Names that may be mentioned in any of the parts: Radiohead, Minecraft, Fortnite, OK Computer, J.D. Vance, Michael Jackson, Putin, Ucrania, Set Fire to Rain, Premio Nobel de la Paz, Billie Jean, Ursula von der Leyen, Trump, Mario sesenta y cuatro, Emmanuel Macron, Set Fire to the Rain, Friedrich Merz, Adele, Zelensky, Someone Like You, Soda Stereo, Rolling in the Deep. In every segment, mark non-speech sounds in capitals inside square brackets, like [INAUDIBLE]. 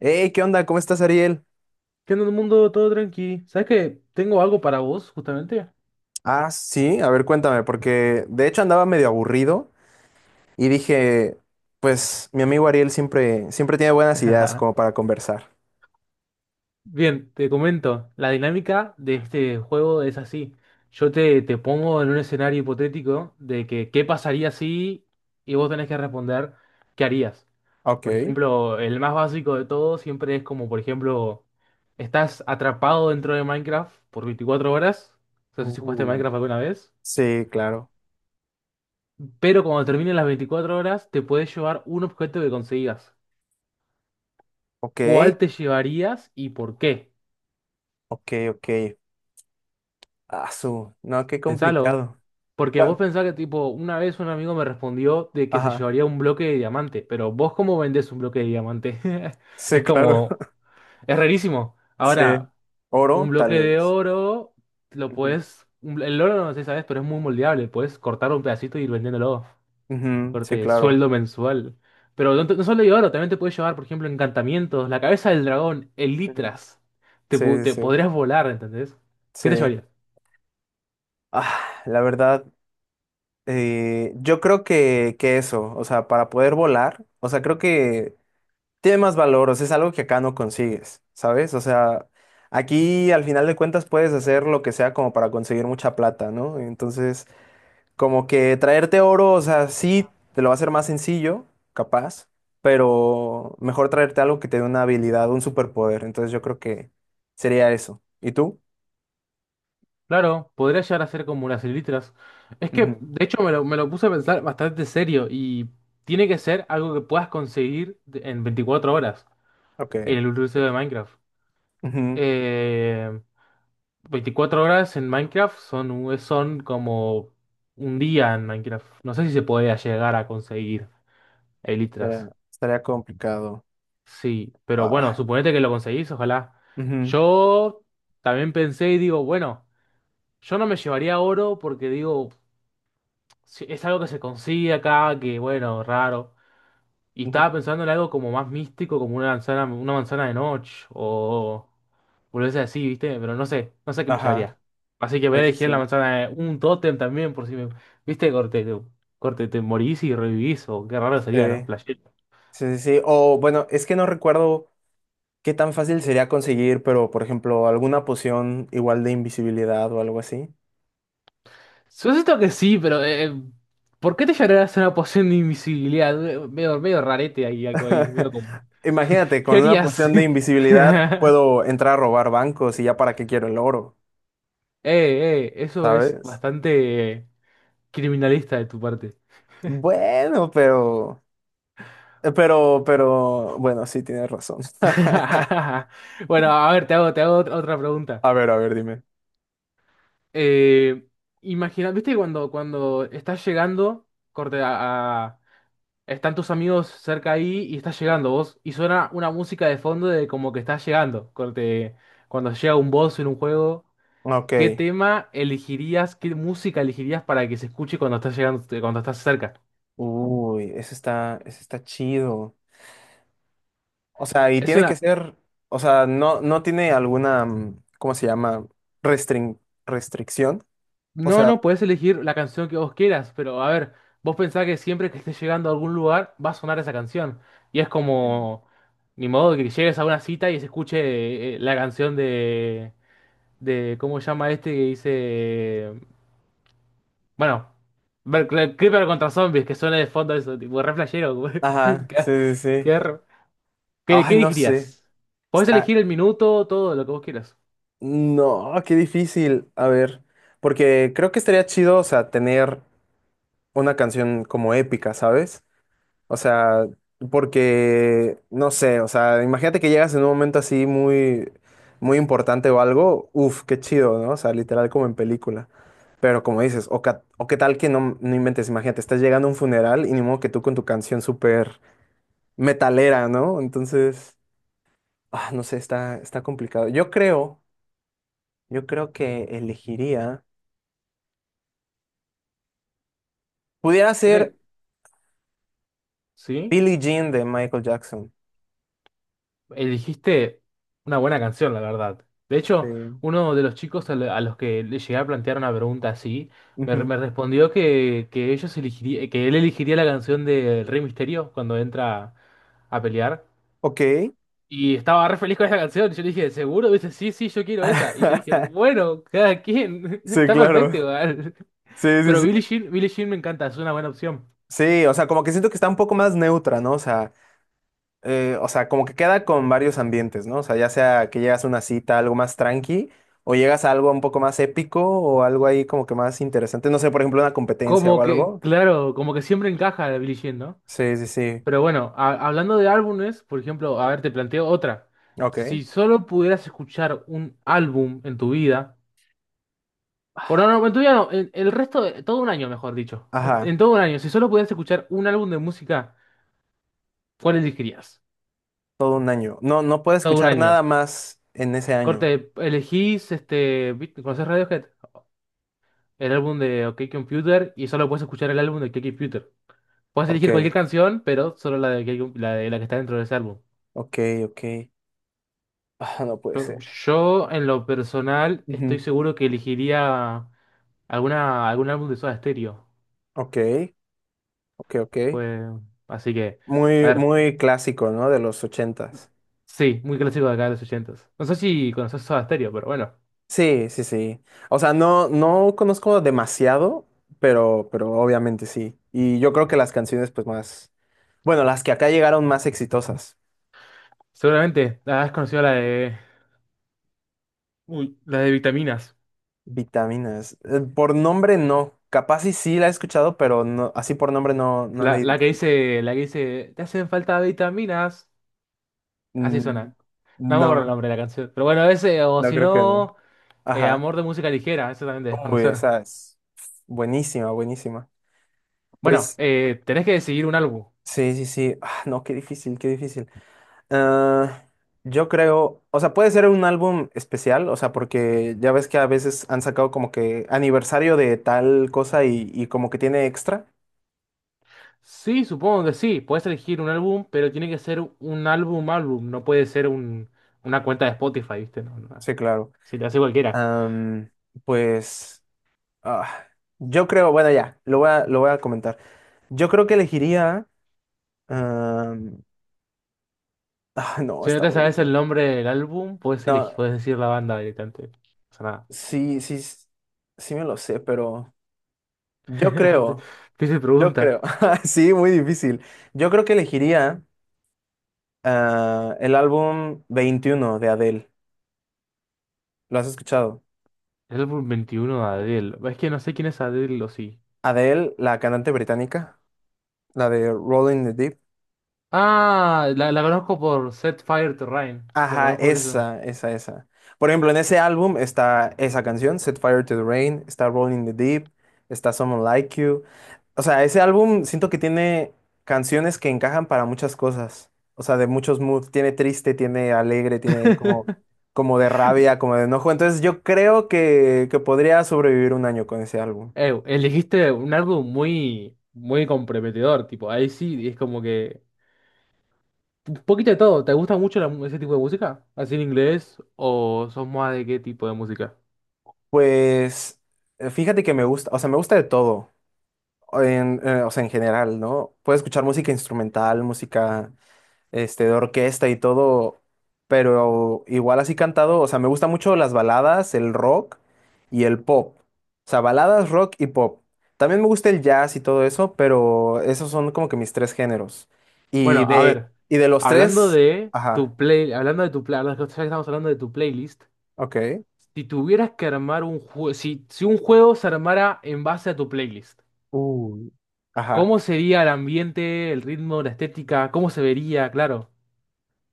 Hey, ¿qué onda? ¿Cómo estás, Ariel? ¿Qué onda, mundo? Todo tranqui. ¿Sabes que tengo algo para vos, justamente? Ah, sí, a ver, cuéntame, porque de hecho andaba medio aburrido y dije, pues mi amigo Ariel siempre, siempre tiene buenas ideas [LAUGHS] como para conversar. Bien, te comento. La dinámica de este juego es así. Yo te pongo en un escenario hipotético de que qué pasaría si y vos tenés que responder qué harías. Ok. Por ejemplo, el más básico de todo siempre es como, por ejemplo, estás atrapado dentro de Minecraft por 24 horas. No sé si jugaste Uh, Minecraft alguna vez. Sí, claro. Pero cuando terminen las 24 horas, te puedes llevar un objeto que consigas. Ok, ¿Cuál te llevarías y por qué? ok, ok. Ah, no, qué Pensalo. complicado. Porque Bueno, vos pensás que, tipo, una vez un amigo me respondió de que se ajá, llevaría un bloque de diamante, pero vos cómo vendés un bloque de diamante? [LAUGHS] sí, Es claro. como, [LAUGHS] es rarísimo. Sí, Ahora, un oro, bloque tal de vez. oro, lo Ujú. puedes, el oro no sé, sabes, pero es muy moldeable, puedes cortar un pedacito y ir vendiéndolo. Ujú, sí, Corte claro. sueldo mensual. Pero no, no solo hay oro, también te puedes llevar, por ejemplo, encantamientos, la cabeza del dragón, Ujú. elitras. Te, Sí, pu- sí, te sí. podrías volar, ¿entendés? ¿Qué te Sí. llevarías? Ah, la verdad. Yo creo que eso, o sea, para poder volar, o sea, creo que tiene más valor, o sea, es algo que acá no consigues, ¿sabes? O sea, aquí al final de cuentas puedes hacer lo que sea como para conseguir mucha plata, ¿no? Entonces, como que traerte oro, o sea, sí, te lo va a hacer más sencillo, capaz, pero mejor traerte algo que te dé una habilidad, un superpoder, entonces yo creo que sería eso. ¿Y tú? Claro, podrías llegar a ser como las elitras. Es que, Ujú, de hecho, me lo puse a pensar bastante serio y tiene que ser algo que puedas conseguir en 24 horas ok. en el universo de Minecraft. Ujú. Eh, 24 horas en Minecraft son como un día en Minecraft. No sé si se podría llegar a conseguir. Elitras. Estaría complicado. Sí, pero bueno, Ah, suponete que lo conseguís, ojalá. ujú. Yo también pensé y digo, bueno, yo no me llevaría oro porque digo, es algo que se consigue acá, que bueno, raro. Y Ujú. estaba pensando en algo como más místico, como una manzana de noche o volverse así, ¿viste? Pero no sé, no sé qué me Ajá, llevaría. Así que voy a sí, sí, elegir sí, la manzana de un tótem también por si me, ¿viste? Corte, te morís y revivís o qué raro sí, sería, ¿no? Flashero. sí, sí, sí. O bueno, es que no recuerdo qué tan fácil sería conseguir, pero por ejemplo, alguna poción igual de invisibilidad o algo así. Supuesto que sí, pero ¿por qué te llevarías una poción de invisibilidad? Medio, medio rarete ahí, algo ahí, medio [LAUGHS] como- Imagínate, ¿Qué con una harías? poción de invisibilidad [LAUGHS] puedo entrar a robar bancos y ya para qué quiero el oro, Eso es ¿sabes? bastante criminalista de tu parte. Bueno, pero, bueno, sí tienes razón. [LAUGHS] [LAUGHS] Bueno, a ver, te hago otra pregunta. A ver, dime. Eh, Imagina, ¿viste cuando estás llegando, corte, a- están tus amigos cerca ahí y estás llegando vos? Y suena una música de fondo de como que estás llegando. Cuando llega un boss en un juego, ¿qué Ok. tema elegirías? ¿Qué música elegirías para que se escuche cuando estás llegando, cuando estás cerca? Uy, eso está chido. O sea, y Es tiene que una. ser, o sea, no tiene alguna, ¿cómo se llama? Restrin- restricción. O No, sea, no, puedes elegir la canción que vos quieras, pero a ver, vos pensás que siempre que estés llegando a algún lugar va a sonar esa canción. Y es sí, como. Ni modo que llegues a una cita y se escuche la canción de, ¿cómo se llama este que dice? Bueno, ver, Creeper contra zombies, que suena de fondo eso, tipo, re flashero, güey. [LAUGHS] ajá, sí, sí, sí. qué, re- qué Ay, no sé. elegirías? Podés Está, elegir el minuto, todo lo que vos quieras. no, qué difícil. A ver, porque creo que estaría chido, o sea, tener una canción como épica, ¿sabes? O sea, porque, no sé, o sea, imagínate que llegas en un momento así muy, muy importante o algo, uf, qué chido, ¿no? O sea, literal como en película. Pero como dices, o qué tal que no inventes, imagínate, estás llegando a un funeral y ni modo que tú con tu canción súper metalera, ¿no? Entonces, no sé, está complicado. Yo creo que elegiría, pudiera Yo ser te- ¿Sí? Billie Jean de Michael Jackson. Elegiste una buena canción, la verdad. De hecho, Sí. uno de los chicos a los que le llegué a plantear una pregunta así, me, re- Ujú. me respondió que él elegiría la canción de Rey Misterio cuando entra a pelear. Ok. Y estaba re feliz con esa canción. Y yo le dije, ¿seguro? Dice, sí, sí, yo quiero esa. Y yo dije, [LAUGHS] bueno, cada quien. [LAUGHS] Sí, Está perfecto claro. igual. Sí, sí, Pero Billie sí. Jean, Billie Jean me encanta, es una buena opción. Sí, o sea, como que siento que está un poco más neutra, ¿no? O sea, como que queda con varios ambientes, ¿no? O sea, ya sea que llegas a una cita, algo más tranqui, o llegas a algo un poco más épico, o algo ahí como que más interesante. No sé, por ejemplo, una competencia o Como que, algo. claro, como que siempre encaja la Billie Jean, ¿no? Sí, sí, sí. Pero bueno, hablando de álbumes, por ejemplo, a ver, te planteo otra. Ok. Si solo pudieras escuchar un álbum en tu vida, por no, no, en tu vida no, el resto de todo un año, mejor dicho. Ajá, En todo un año, si solo pudieras escuchar un álbum de música, ¿cuál elegirías? todo un año. No, no puedo Todo un escuchar nada año. más en ese año. Corte, elegís, este, ¿conoces Radiohead? El álbum de OK Computer y solo puedes escuchar el álbum de OK Computer. Puedes elegir Ok, cualquier canción, pero solo la de la que está dentro de ese álbum. ok, ok. Ah, no puede Yo, ser. yo, en lo personal, estoy Ujú. seguro que elegiría alguna, algún álbum de Soda Stereo. Ok, ok, ok. Pues, así que, a Muy, ver, muy clásico, ¿no? De los 80. sí, muy clásico de acá de los 80. No sé si conoces Soda Stereo, pero bueno, Sí, sí, sí. O sea, no, no conozco demasiado, pero obviamente sí. Y yo creo que las canciones, pues más, bueno, las que acá llegaron más exitosas. seguramente has conocido la de, uy, la de Vitaminas. Vitaminas. Por nombre no. Capaz y sí la he escuchado, pero no, así por nombre no, no la La, la que identifico. dice, la que dice, te hacen falta vitaminas. Así Mm, suena. No me acuerdo el No, nombre de la canción. Pero bueno, ese, o no si creo que no. no, Ajá. Amor de música ligera, eso también de Uy, desconocer. esa es buenísima, buenísima. Bueno, Pues tenés que decidir un álbum. sí, sí, sí. Ah, no, qué difícil, qué difícil. Ah, yo creo, o sea, puede ser un álbum especial, o sea, porque ya ves que a veces han sacado como que aniversario de tal cosa y como que tiene extra. Sí, supongo que sí. Puedes elegir un álbum, pero tiene que ser un álbum álbum. No puede ser una cuenta de Spotify, ¿viste? No, no. Sí, claro. Si te hace cualquiera. Am, pues, ah, yo creo, bueno, ya, lo voy a comentar. Yo creo que elegiría... am, [LAUGHS] no, Si no está te muy sabes el difícil. nombre del álbum, puedes elegir, No, puedes decir la banda directamente. No pasa sí, sí, sí me lo sé, pero yo nada. creo, [LAUGHS] Difícil yo pregunta. creo. [LAUGHS] Sí, muy difícil. Yo creo que elegiría. El álbum 21 de Adele. ¿Lo has escuchado? El álbum 21 de Adele. Es que no sé quién es Adele o sí. Adele, la cantante británica, la de Rolling in the Deep. Ah, la conozco por Set Fire to Rain. La Ajá, conozco por eso. esa, esa, esa. Por ejemplo, en ese álbum está esa canción, Set Fire to the Rain, está Rolling in the Deep, está Someone Like You. O sea, ese álbum siento que tiene canciones que encajan para muchas cosas. O sea, de muchos moods. Tiene triste, tiene alegre, tiene como, [LAUGHS] como de rabia, como de enojo. Entonces yo creo que podría sobrevivir un año con ese álbum. Elegiste un álbum muy, muy comprometedor, tipo, ahí sí, es como que un poquito de todo. ¿Te gusta mucho la ese tipo de música? ¿Así en inglés? ¿O sos más de qué tipo de música? Pues fíjate que me gusta, o sea, me gusta de todo, o sea, en general, ¿no? Puedo escuchar música instrumental, música, de orquesta y todo, pero igual así cantado, o sea, me gusta mucho las baladas, el rock y el pop. O sea, baladas, rock y pop. También me gusta el jazz y todo eso, pero esos son como que mis tres géneros. Y Bueno, a de, ver, y de los hablando tres, de ajá, tu play, hablando de tu play, ya que estamos hablando de tu playlist, ok, si tuvieras que armar un juego, si un juego se armara en base a tu playlist, uy, ajá, ¿cómo sería el ambiente, el ritmo, la estética? ¿Cómo se vería? Claro.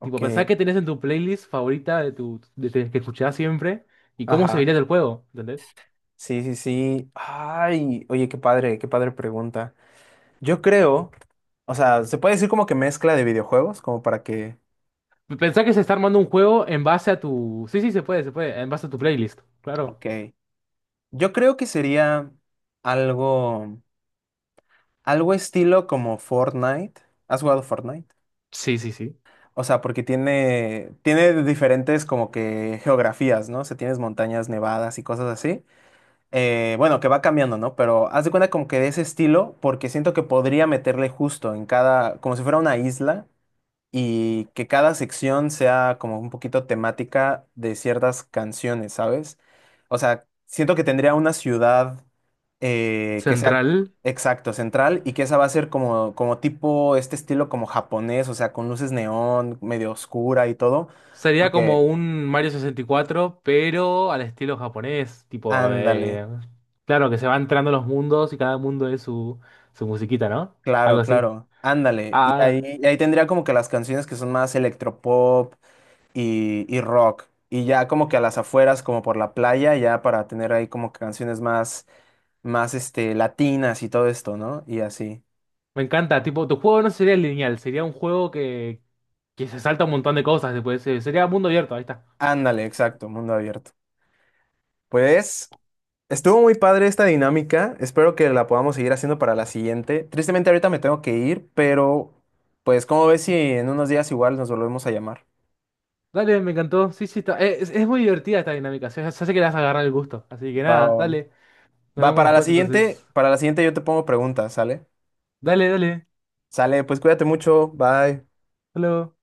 Tipo, pensás que tenés en tu playlist favorita de que escuchás siempre y cómo se ajá. vería el juego, ¿entendés? Sí, sí, sí. Ay, oye, qué padre pregunta. Yo creo, o sea, se puede decir como que mezcla de videojuegos, como para que, Pensás que se está armando un juego en base a tu. Sí, sí, se puede, en base a tu playlist, claro. ok. Yo creo que sería algo, algo estilo como Fortnite. ¿Has jugado Fortnite? Sí, sí, sí. O sea, porque tiene diferentes como que geografías, ¿no? O sea, tienes montañas nevadas y cosas así. Bueno, que va cambiando, ¿no? Pero haz de cuenta como que de ese estilo, porque siento que podría meterle justo en cada, como si fuera una isla y que cada sección sea como un poquito temática de ciertas canciones, ¿sabes? O sea, siento que tendría una ciudad que sea Central. exacto, central, y que esa va a ser como, tipo este estilo como japonés, o sea, con luces neón, medio oscura y todo, Sería porque como un Mario 64 pero al estilo japonés, tipo, ándale, claro, que se van entrando los mundos y cada mundo es su musiquita, ¿no? claro, Algo así. claro, ándale. Y Ah, ahí, y ahí tendría como que las canciones que son más electropop y rock. Y ya como que a las afueras, como por la playa, ya para tener ahí como que canciones más, más latinas y todo esto, ¿no? Y así. me encanta, tipo, tu juego no sería lineal, sería un juego que se salta un montón de cosas después, sería mundo abierto, ahí está. Ándale, exacto, mundo abierto. Pues estuvo muy padre esta dinámica. Espero que la podamos seguir haciendo para la siguiente. Tristemente ahorita me tengo que ir, pero pues como ves si en unos días igual nos volvemos a llamar. Dale, me encantó, sí, sí, es muy divertida esta dinámica, se hace que le vas a agarrar el gusto, así que Va, nada, va, va. dale, nos Va, vemos después entonces. para la siguiente yo te pongo preguntas, ¿sale? Dale, dale, Sale, pues cuídate mucho, bye. hasta luego.